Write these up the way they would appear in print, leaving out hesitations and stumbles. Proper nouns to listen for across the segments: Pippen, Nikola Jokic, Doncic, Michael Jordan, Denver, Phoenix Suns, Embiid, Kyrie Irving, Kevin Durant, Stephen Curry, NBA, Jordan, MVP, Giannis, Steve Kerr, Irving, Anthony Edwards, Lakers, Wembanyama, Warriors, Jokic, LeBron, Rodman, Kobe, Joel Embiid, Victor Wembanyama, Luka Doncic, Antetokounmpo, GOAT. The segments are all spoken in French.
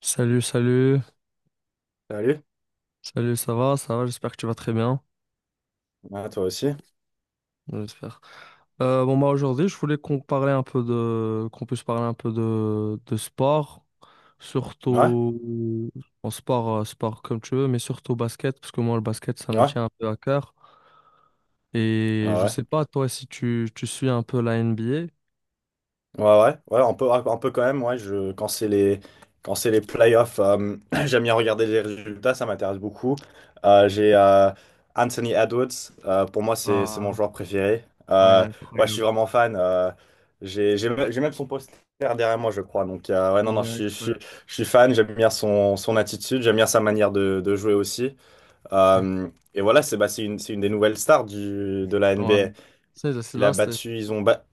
Salut, salut, Salut. salut, ça va, j'espère que tu vas très bien, Ah, toi aussi. j'espère. Bon, bah aujourd'hui, je voulais qu'on puisse parler un peu de sport, Ouais, surtout en sport, sport comme tu veux, mais surtout basket, parce que moi, le basket, ça me ouais, tient un peu à cœur. ouais, Et je ouais, sais pas, toi, si tu suis un peu la NBA. ouais, ouais, ouais, un peu quand même. Ouais, quand c'est les playoffs, j'aime bien regarder les résultats, ça m'intéresse beaucoup. J'ai Anthony Edwards, pour moi, c'est Ah, mon joueur préféré. ah, il est Euh, ouais, je suis incroyable. vraiment fan. J'ai même son poster derrière moi, je crois. Donc, ouais, non, Il non, est je suis, je suis, incroyable. je suis fan, j'aime bien son attitude, j'aime bien sa manière de jouer aussi. Euh, et voilà, c'est une des nouvelles stars du, de la NBA. Ouais. C'est Il a là, c'est battu, ils ont, ba-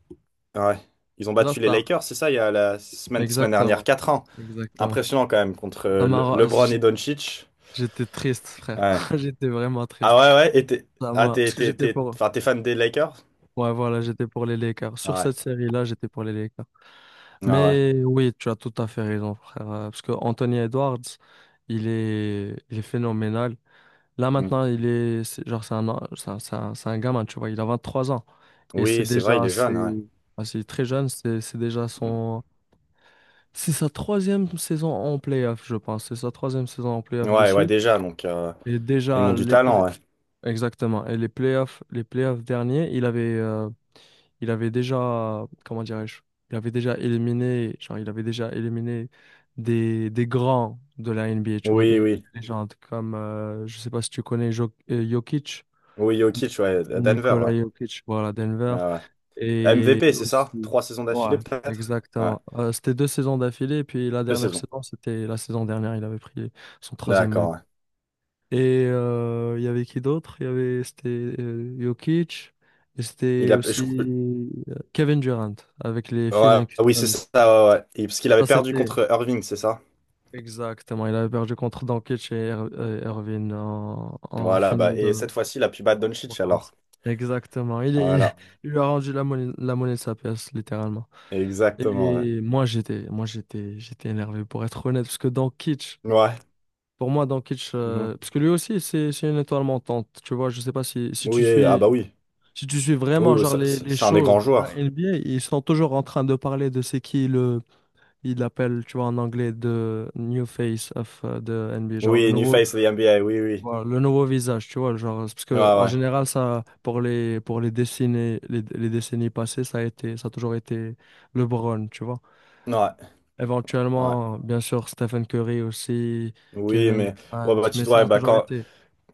Ouais. Ils ont la battu les star. Lakers, c'est ça, il y a semaine dernière, Exactement. 4 ans. Exactement. Impressionnant quand même contre Ça m'a ra- LeBron et Doncic. J'étais triste, frère. Ouais. J'étais vraiment Ah triste. ouais, ouais, et t'es ah, t'es, Parce que t'es, j'étais t'es- pour... enfin, t'es fan des Lakers? Ouais, voilà, j'étais pour les Lakers. Sur Ah cette série-là, j'étais pour les Lakers. ouais, ah ouais. Mais oui, tu as tout à fait raison, frère. Parce que Anthony Edwards, il est phénoménal. Là, Mm. maintenant, il est... c'est- Genre, c'est un... an- c'est un... c'est un c'est un gamin, tu vois. Il a 23 ans. Et c'est Oui, c'est vrai, déjà il est jeune, ouais. assez... assez très jeune. C'est déjà son... C'est sa troisième saison en playoff, je pense. C'est sa troisième saison en Mm. playoff de Ouais, ouais, suite. déjà, donc Et ils déjà, ont du les, pla- talent, ouais. Exactement. Et les playoffs derniers, il avait déjà, comment dirais-je, il avait déjà éliminé des grands de la NBA, tu vois, Oui, des oui. légendes comme, je sais pas si tu connais Jokic, Oui, Jokic, ouais, à Denver, Nikola ouais. Jokic, voilà, Denver, Ah ouais. et MVP, c'est ça? aussi, 3 saisons ouais, d'affilée, peut-être? Ouais, exactement. C'était deux saisons d'affilée, et puis la deux dernière saisons. saison, c'était la saison dernière, il avait pris son troisième D'accord, ouais. et il y avait qui d'autre? C'était Jokic, et Il c'était a... je- aussi Kevin Durant avec les Ouais, Phoenix oui, c'est Suns. ça, ouais, ouais. Et parce qu'il avait Ça, perdu c'était contre Irving, c'est ça? Exactement. Il avait perdu contre Doncic et Irving en Voilà, bah, finale et de cette fois-ci, il a pu battre Doncic alors. conférence. Exactement. Voilà, Il lui a rendu la monnaie de sa pièce, littéralement. exactement, ouais. Et moi, j'étais énervé, pour être honnête, parce que Doncic, Ouais. pour moi, Doncic, Mhm. parce que lui aussi, c'est une étoile montante. Tu vois, je sais pas Oui, ah bah oui. si tu suis Oui, vraiment oui, genre les, les c'est un des shows grands de la joueurs. NBA, ils sont toujours en train de parler de c'est qui le ils l'appellent, tu vois, en anglais, de new face of the NBA, genre le Oui, new nouveau face de the NBA, oui, oui. voilà, le nouveau visage, tu vois, genre parce Ouais, que en ouais. général ça pour les décennies passées, ça a toujours été LeBron, tu vois. Ouais, ouais. Éventuellement, bien sûr, Stephen Curry aussi, Oui, Kevin mais ouais, Durant, bah, mais tu ça ouais, a bah, toujours quand été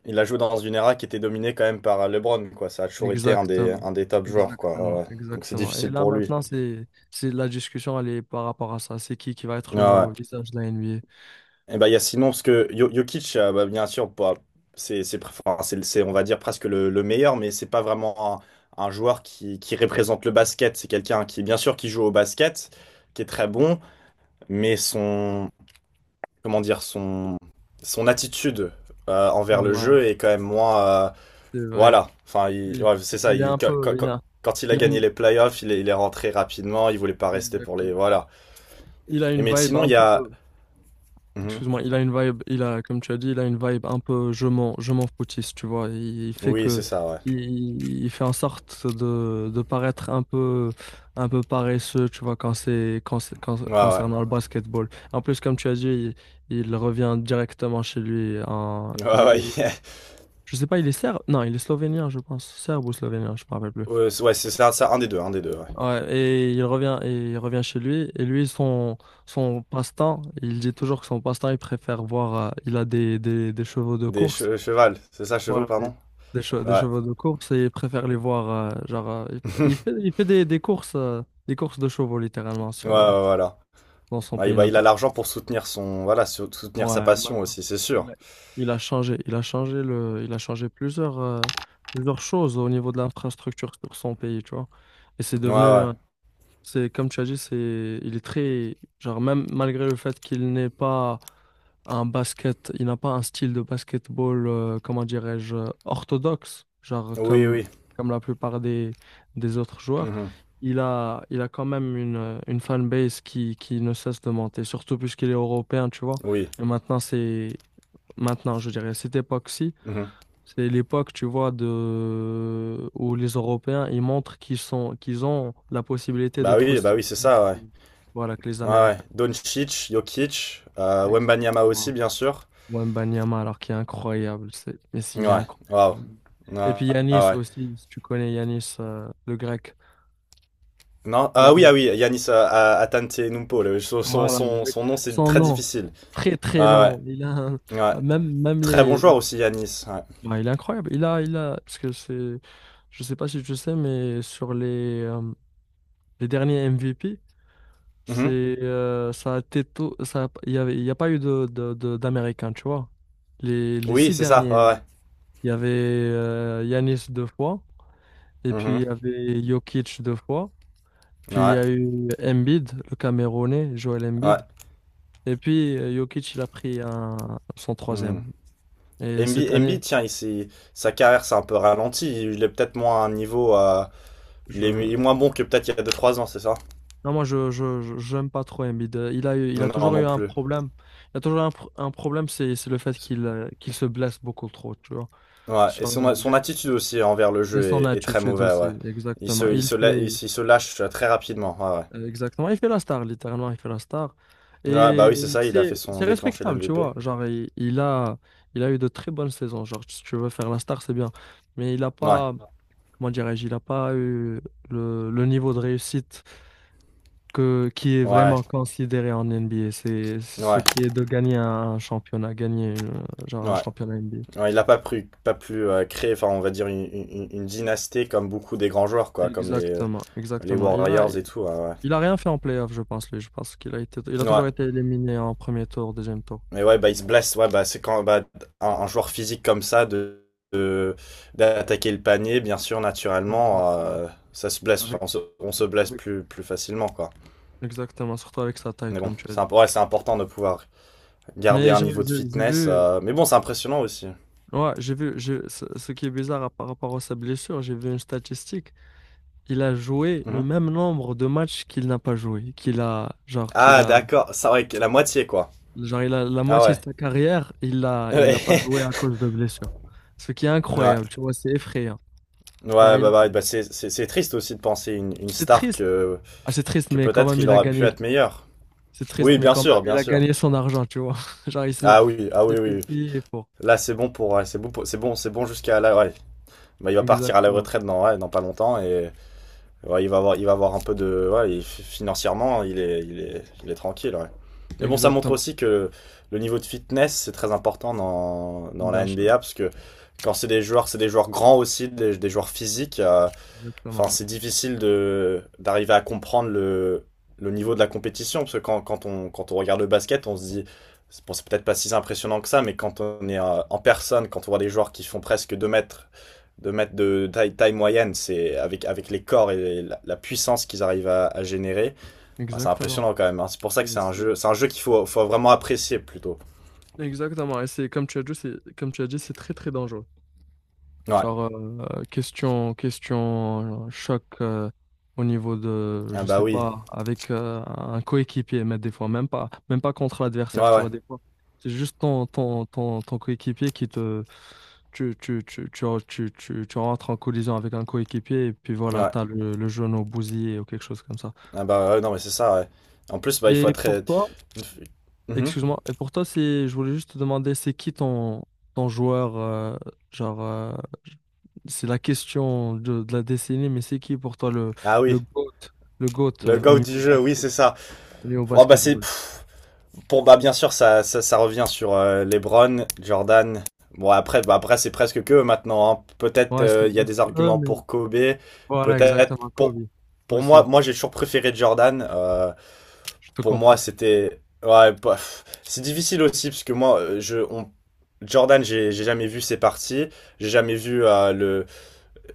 il a joué dans une era qui était dominée quand même par LeBron, quoi. Ça a toujours été un des, Exactement, un des top joueurs, quoi. Ouais, exactement, ouais. Donc c'est exactement. Et difficile là pour lui. maintenant, c'est la discussion, elle est par rapport à ça. C'est qui va être Ouais, le ouais. nouveau visage de la NBA? Eh ben, il y a Simon, parce que Jokic, bah, bien sûr, enfin, c'est, on va dire presque le meilleur, mais c'est pas vraiment un joueur qui représente le basket. C'est quelqu'un qui, bien sûr, qui joue au basket, qui est très bon, mais comment dire, son attitude envers le Ouais, jeu est quand même moins, c'est vrai. voilà. Enfin, Il, ouais, c'est ça. il est un peu, Quand il a il a gagné une, les playoffs, il est rentré rapidement. Il voulait pas rester pour les, exactement. voilà. Il a Et une mais vibe sinon, un il y peu. a. Mhm. Excuse-moi, il a une vibe, il a, comme tu as dit, il a une vibe un peu je m'en foutiste, tu vois. Il fait Oui, c'est que, ça, ouais. il fait en sorte de paraître un peu paresseux, tu vois, Ouais, ouais. concernant le basketball. En plus, comme tu as dit, il revient directement chez lui. Ouais, Il ouais. est, je sais pas, il est serbe? Non, il est slovénien, je pense. Serbe ou slovénien, je me rappelle plus. Ouais, c'est ça, ça, un des deux, ouais. Ouais, et il revient chez lui. Et lui, son passe-temps, il dit toujours que son passe-temps, il préfère voir. Il a des chevaux de Des course. Chevals, c'est ça, chevaux, Voilà, pardon? Des Ouais. chevaux de course. Et il préfère les voir. Il fait, des courses, des courses de chevaux, littéralement, Ouais, ouais, voilà. dans son Ouais, pays bah, il a natal. l'argent pour soutenir voilà, soutenir sa Ouais, passion maintenant, aussi, c'est il sûr. a, il a changé. Il a changé plusieurs, plusieurs choses au niveau de l'infrastructure sur son pays, tu vois. Et c'est Ouais, ouais. devenu. C'est comme tu as dit, c'est il est très genre même malgré le fait qu'il n'est pas un basket, il n'a pas un style de basketball comment dirais-je orthodoxe, genre Oui, comme oui. comme la plupart des autres joueurs, Mhm. il a quand même une fanbase qui ne cesse de monter, surtout puisqu'il est européen, tu vois. Oui. Et maintenant je dirais à cette époque-ci Mhm. c'est l'époque, tu vois, de... où les Européens, ils montrent qu'ils sont, qu'ils ont la possibilité d'être aussi Bah oui, c'est grands ça, ouais. Voilà, que les Ouais, ouais. Américains. Doncic, Jokic, Wembanyama aussi, Exactement. bien sûr. Wembanyama, alors qu'il est incroyable. C'est... Mais s'il est Ouais, waouh. incroyable. Et puis Ah Yanis ah ouais. aussi, si tu connais Yanis, le grec. Non, ah oui, Yanis, ah oui, Yanis Antetokounmpo, le- son, son, voilà, son, avec son nom, c'est son très nom, difficile. très très Ouais, long. Ouais, ouais. Même, même Très bon les... joueur aussi, Yanis, ouais. Ouais, il est incroyable. Il a... Parce que c'est... Je sais pas si tu sais, mais sur les derniers MVP, Mhm. C'est, ça a été tout, ça, il y a pas eu d'Américains, tu vois. Les Oui, six c'est ça. derniers, Ouais, il y avait Yanis deux fois, et ouais. puis Mhm. il y avait Jokic deux fois, puis il y Ouais, a eu Embiid, le Camerounais, Joel ouais. Embiid, et puis Jokic, il a pris son Mhm. troisième. Et cette Embiid, année, tiens, sa carrière s'est un peu ralentie. Il est peut-être moins à un niveau. Il est, je, il est moins bon que peut-être il y a 2, 3 ans, c'est ça? non, moi, j'aime pas trop Embiid. Il a eu, il a Non, toujours non eu un plus. problème. Il a toujours eu un problème, c'est le fait qu'il, qu'il se blesse beaucoup trop, tu vois Ouais, et sur- son attitude aussi envers le Et jeu son est très attitude mauvaise, aussi, ouais. Exactement. Il Il se, la- fait, il se lâche très rapidement, ouais, exactement, il fait la star, littéralement, il fait la star. ouais. Ouais, bah oui, c'est Et ça, il a fait c'est, son c'est déclencher respectable, tu l'MVP. vois. Genre, il a eu de très bonnes saisons. Genre, si tu veux faire la star, c'est bien. Mais il n'a Ouais, pas, comment dirais-je, il n'a pas eu le niveau de réussite que, qui est ouais, vraiment considéré en NBA. C'est ce ouais, qui est de gagner un championnat, gagner ouais. un championnat NBA. Ouais, il n'a pas pu créer, enfin, on va dire, une dynastie comme beaucoup des grands joueurs, quoi, comme les, Exactement, Les exactement. Warriors et tout, ouais. Ouais. Il a rien fait en playoff, je pense, lui. Je pense qu'il a été, il a Ouais. toujours été éliminé en premier tour, deuxième tour. Mais ouais, bah, il se blesse. Ouais, bah, c'est quand bah, un joueur physique comme ça, de- d'attaquer le panier, bien sûr, naturellement, Exactement. Ça se blesse. Enfin, Avec, on se blesse avec- plus facilement, quoi. Exactement, surtout avec sa taille, Mais bon, comme tu as dit. Ouais, c'est important de pouvoir garder Mais un niveau de j'ai fitness. vu, Mais bon, c'est impressionnant aussi. ouais, j'ai vu, ce qui est bizarre par rapport à sa blessure, j'ai vu une statistique. Il a joué le Mhm. même nombre de matchs qu'il n'a pas joué, qu'il Ah, a, d'accord. Ça, ouais, la moitié, quoi. genre, il a la Ah moitié de ouais. sa carrière, il a pas joué à cause de blessure. Ce qui est Ouais, incroyable, tu vois, c'est effrayant. ouais, Genre, c'est triste aussi de penser une c'est star triste. Ah, c'est triste, que mais quand peut-être même, il il a aurait pu gagné être meilleur. C'est triste, Oui, mais bien quand sûr, même, il bien a sûr. gagné son argent, tu vois. Genre, il s'est Ah oui, ah il oui, s'est oui. fait Oui. payer pour. Là, ouais, c'est bon jusqu'à là. Ouais. Bah, il va partir à la Exactement. retraite ouais, dans pas longtemps et ouais, il va avoir un peu de. Ouais, financièrement, il est tranquille, ouais. Mais bon, ça montre Exactement. aussi que le niveau de fitness, c'est très important dans la Bien sûr. NBA, parce que quand c'est des joueurs grands aussi, des joueurs physiques. Enfin, Exactement. c'est difficile de d'arriver à comprendre le niveau de la compétition, parce que quand on regarde le basket, on se dit, c'est bon, c'est peut-être pas si impressionnant que ça, mais quand on est en personne, quand on voit des joueurs qui font presque 2 mètres de taille, moyenne, c'est avec les corps et la puissance qu'ils arrivent à générer. Ouais. Enfin, c'est Exactement. impressionnant quand même, hein. C'est pour ça que Et c'est- c'est un jeu qu'il faut vraiment apprécier plutôt. Exactement. Et c'est, comme tu as dit, c'est très, très dangereux. Ouais. Genre, question, choc au niveau de, Ah je bah sais oui. pas, avec un coéquipier, mais des fois, même pas contre Ouais, l'adversaire, tu ouais. vois, des fois. C'est juste ton, ton coéquipier qui te. Tu rentres en collision avec un coéquipier et puis voilà, Ouais. t'as le genou bousillé ou quelque chose comme ça. Ah bah ouais, non mais c'est ça. Ouais. En plus, bah il faut Et être pour très. toi, Mhm. Excuse-moi, et pour toi, je voulais juste te demander, c'est qui ton, joueur, genre, euh, c'est la question de la décennie, mais c'est qui pour toi Ah le oui. GOAT, le GOAT Le au go du niveau jeu, oui, basket, c'est ça. au niveau Oh, bah c'est basketball? bon, bah, bien sûr, ça revient sur LeBron, Jordan. Bon, bah, après c'est presque que eux maintenant, hein. Peut-être Ouais, c'est il y a juste des eux, arguments mais pour Kobe. voilà, Peut-être exactement, Kobe pour moi, aussi, moi j'ai toujours préféré Jordan. Je te Pour moi, comprends. c'était. Ouais, bah, pff, c'est difficile aussi parce que moi, Jordan, j'ai jamais vu ses parties. J'ai jamais vu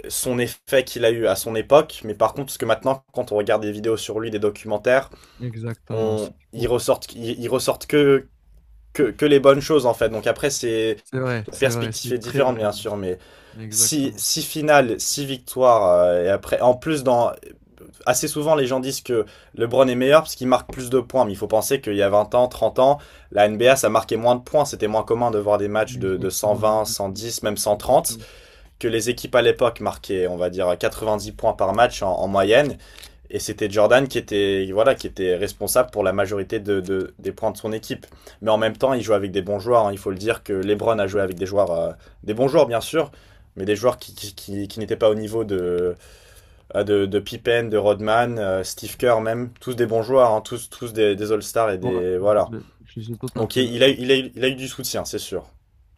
son effet qu'il a eu à son époque. Mais par contre, parce que maintenant, quand on regarde des vidéos sur lui, des documentaires, Exactement, c'est ils fou. ressortent, ils ressortent que les bonnes choses en fait. Donc après, c'est C'est vrai, la c'est vrai, perspective est c'est très différente vrai, bien même. sûr, mais Exactement. si finales, si victoires et après, en plus dans assez souvent les gens disent que LeBron est meilleur parce qu'il marque plus de points, mais il faut penser qu'il y a 20 ans, 30 ans, la NBA ça marquait moins de points, c'était moins commun de voir des matchs de cent Exactement, vingt, cent exactement. dix même 130 Exactement. que les équipes à l'époque marquaient, on va dire, 90 points par match en moyenne. Et c'était Jordan qui était, voilà, qui était responsable pour la majorité des points de son équipe. Mais en même temps, il jouait avec des bons joueurs, hein. Il faut le dire que LeBron a joué avec des joueurs, des bons joueurs bien sûr, mais des joueurs qui n'étaient pas au niveau de Pippen, de Rodman, Steve Kerr même. Tous des bons joueurs, hein, tous des All-Stars et Ouais, des. Voilà. je, je suis tout à Donc fait d'accord. Il a eu du soutien, c'est sûr.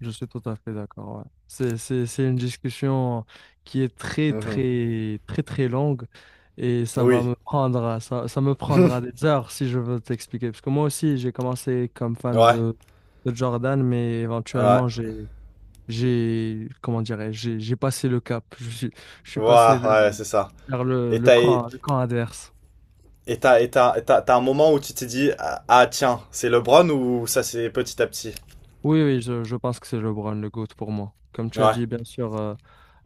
Je suis tout à fait d'accord. Ouais. C'est une discussion qui est très, Mhm. très, très, très longue et ça va Oui. me prendre, ça me prendra des heures si je veux t'expliquer. Parce que moi aussi, j'ai commencé comme fan Ouais. De Jordan, mais Ouais. éventuellement, comment dirais-je, j'ai passé le cap. Je suis Ouais, passé vers, ouais, c'est ça. vers le, Et le t'as, et camp, le camp, adverse. T'as un moment où tu t'es dit, ah ah, tiens, c'est LeBron ou ça c'est petit à petit? Oui, oui, je pense que c'est LeBron le GOAT pour moi. Comme tu as Ouais. dit, bien sûr,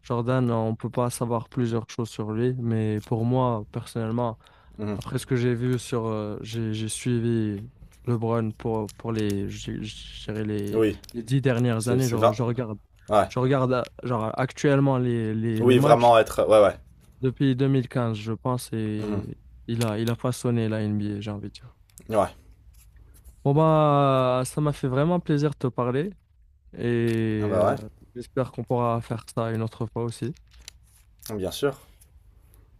Jordan, on ne peut pas savoir plusieurs choses sur lui, mais pour moi, personnellement, Mhm. après ce que j'ai vu sur, j'ai suivi LeBron pour les, je dirais les, Oui. les dix dernières C'est, années. C'est vingt- Ouais. Je regarde actuellement les Oui, matchs vraiment être. Ouais, ouais. depuis 2015, je pense, Mhm. et il a façonné la NBA, j'ai envie de dire. Ouais. Bon, bah, ça m'a fait vraiment plaisir de te parler. Et Ah bah j'espère qu'on pourra faire ça une autre fois aussi. ouais, bien sûr.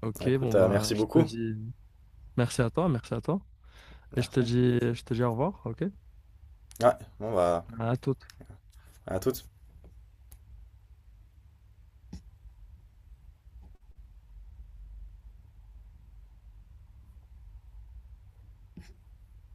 Ok, bon Écoute, bah merci je te beaucoup. dis merci à toi, merci à toi. Et Merci. Je te dis au revoir, ok? Ouais, bon bah, À toute. à toutes.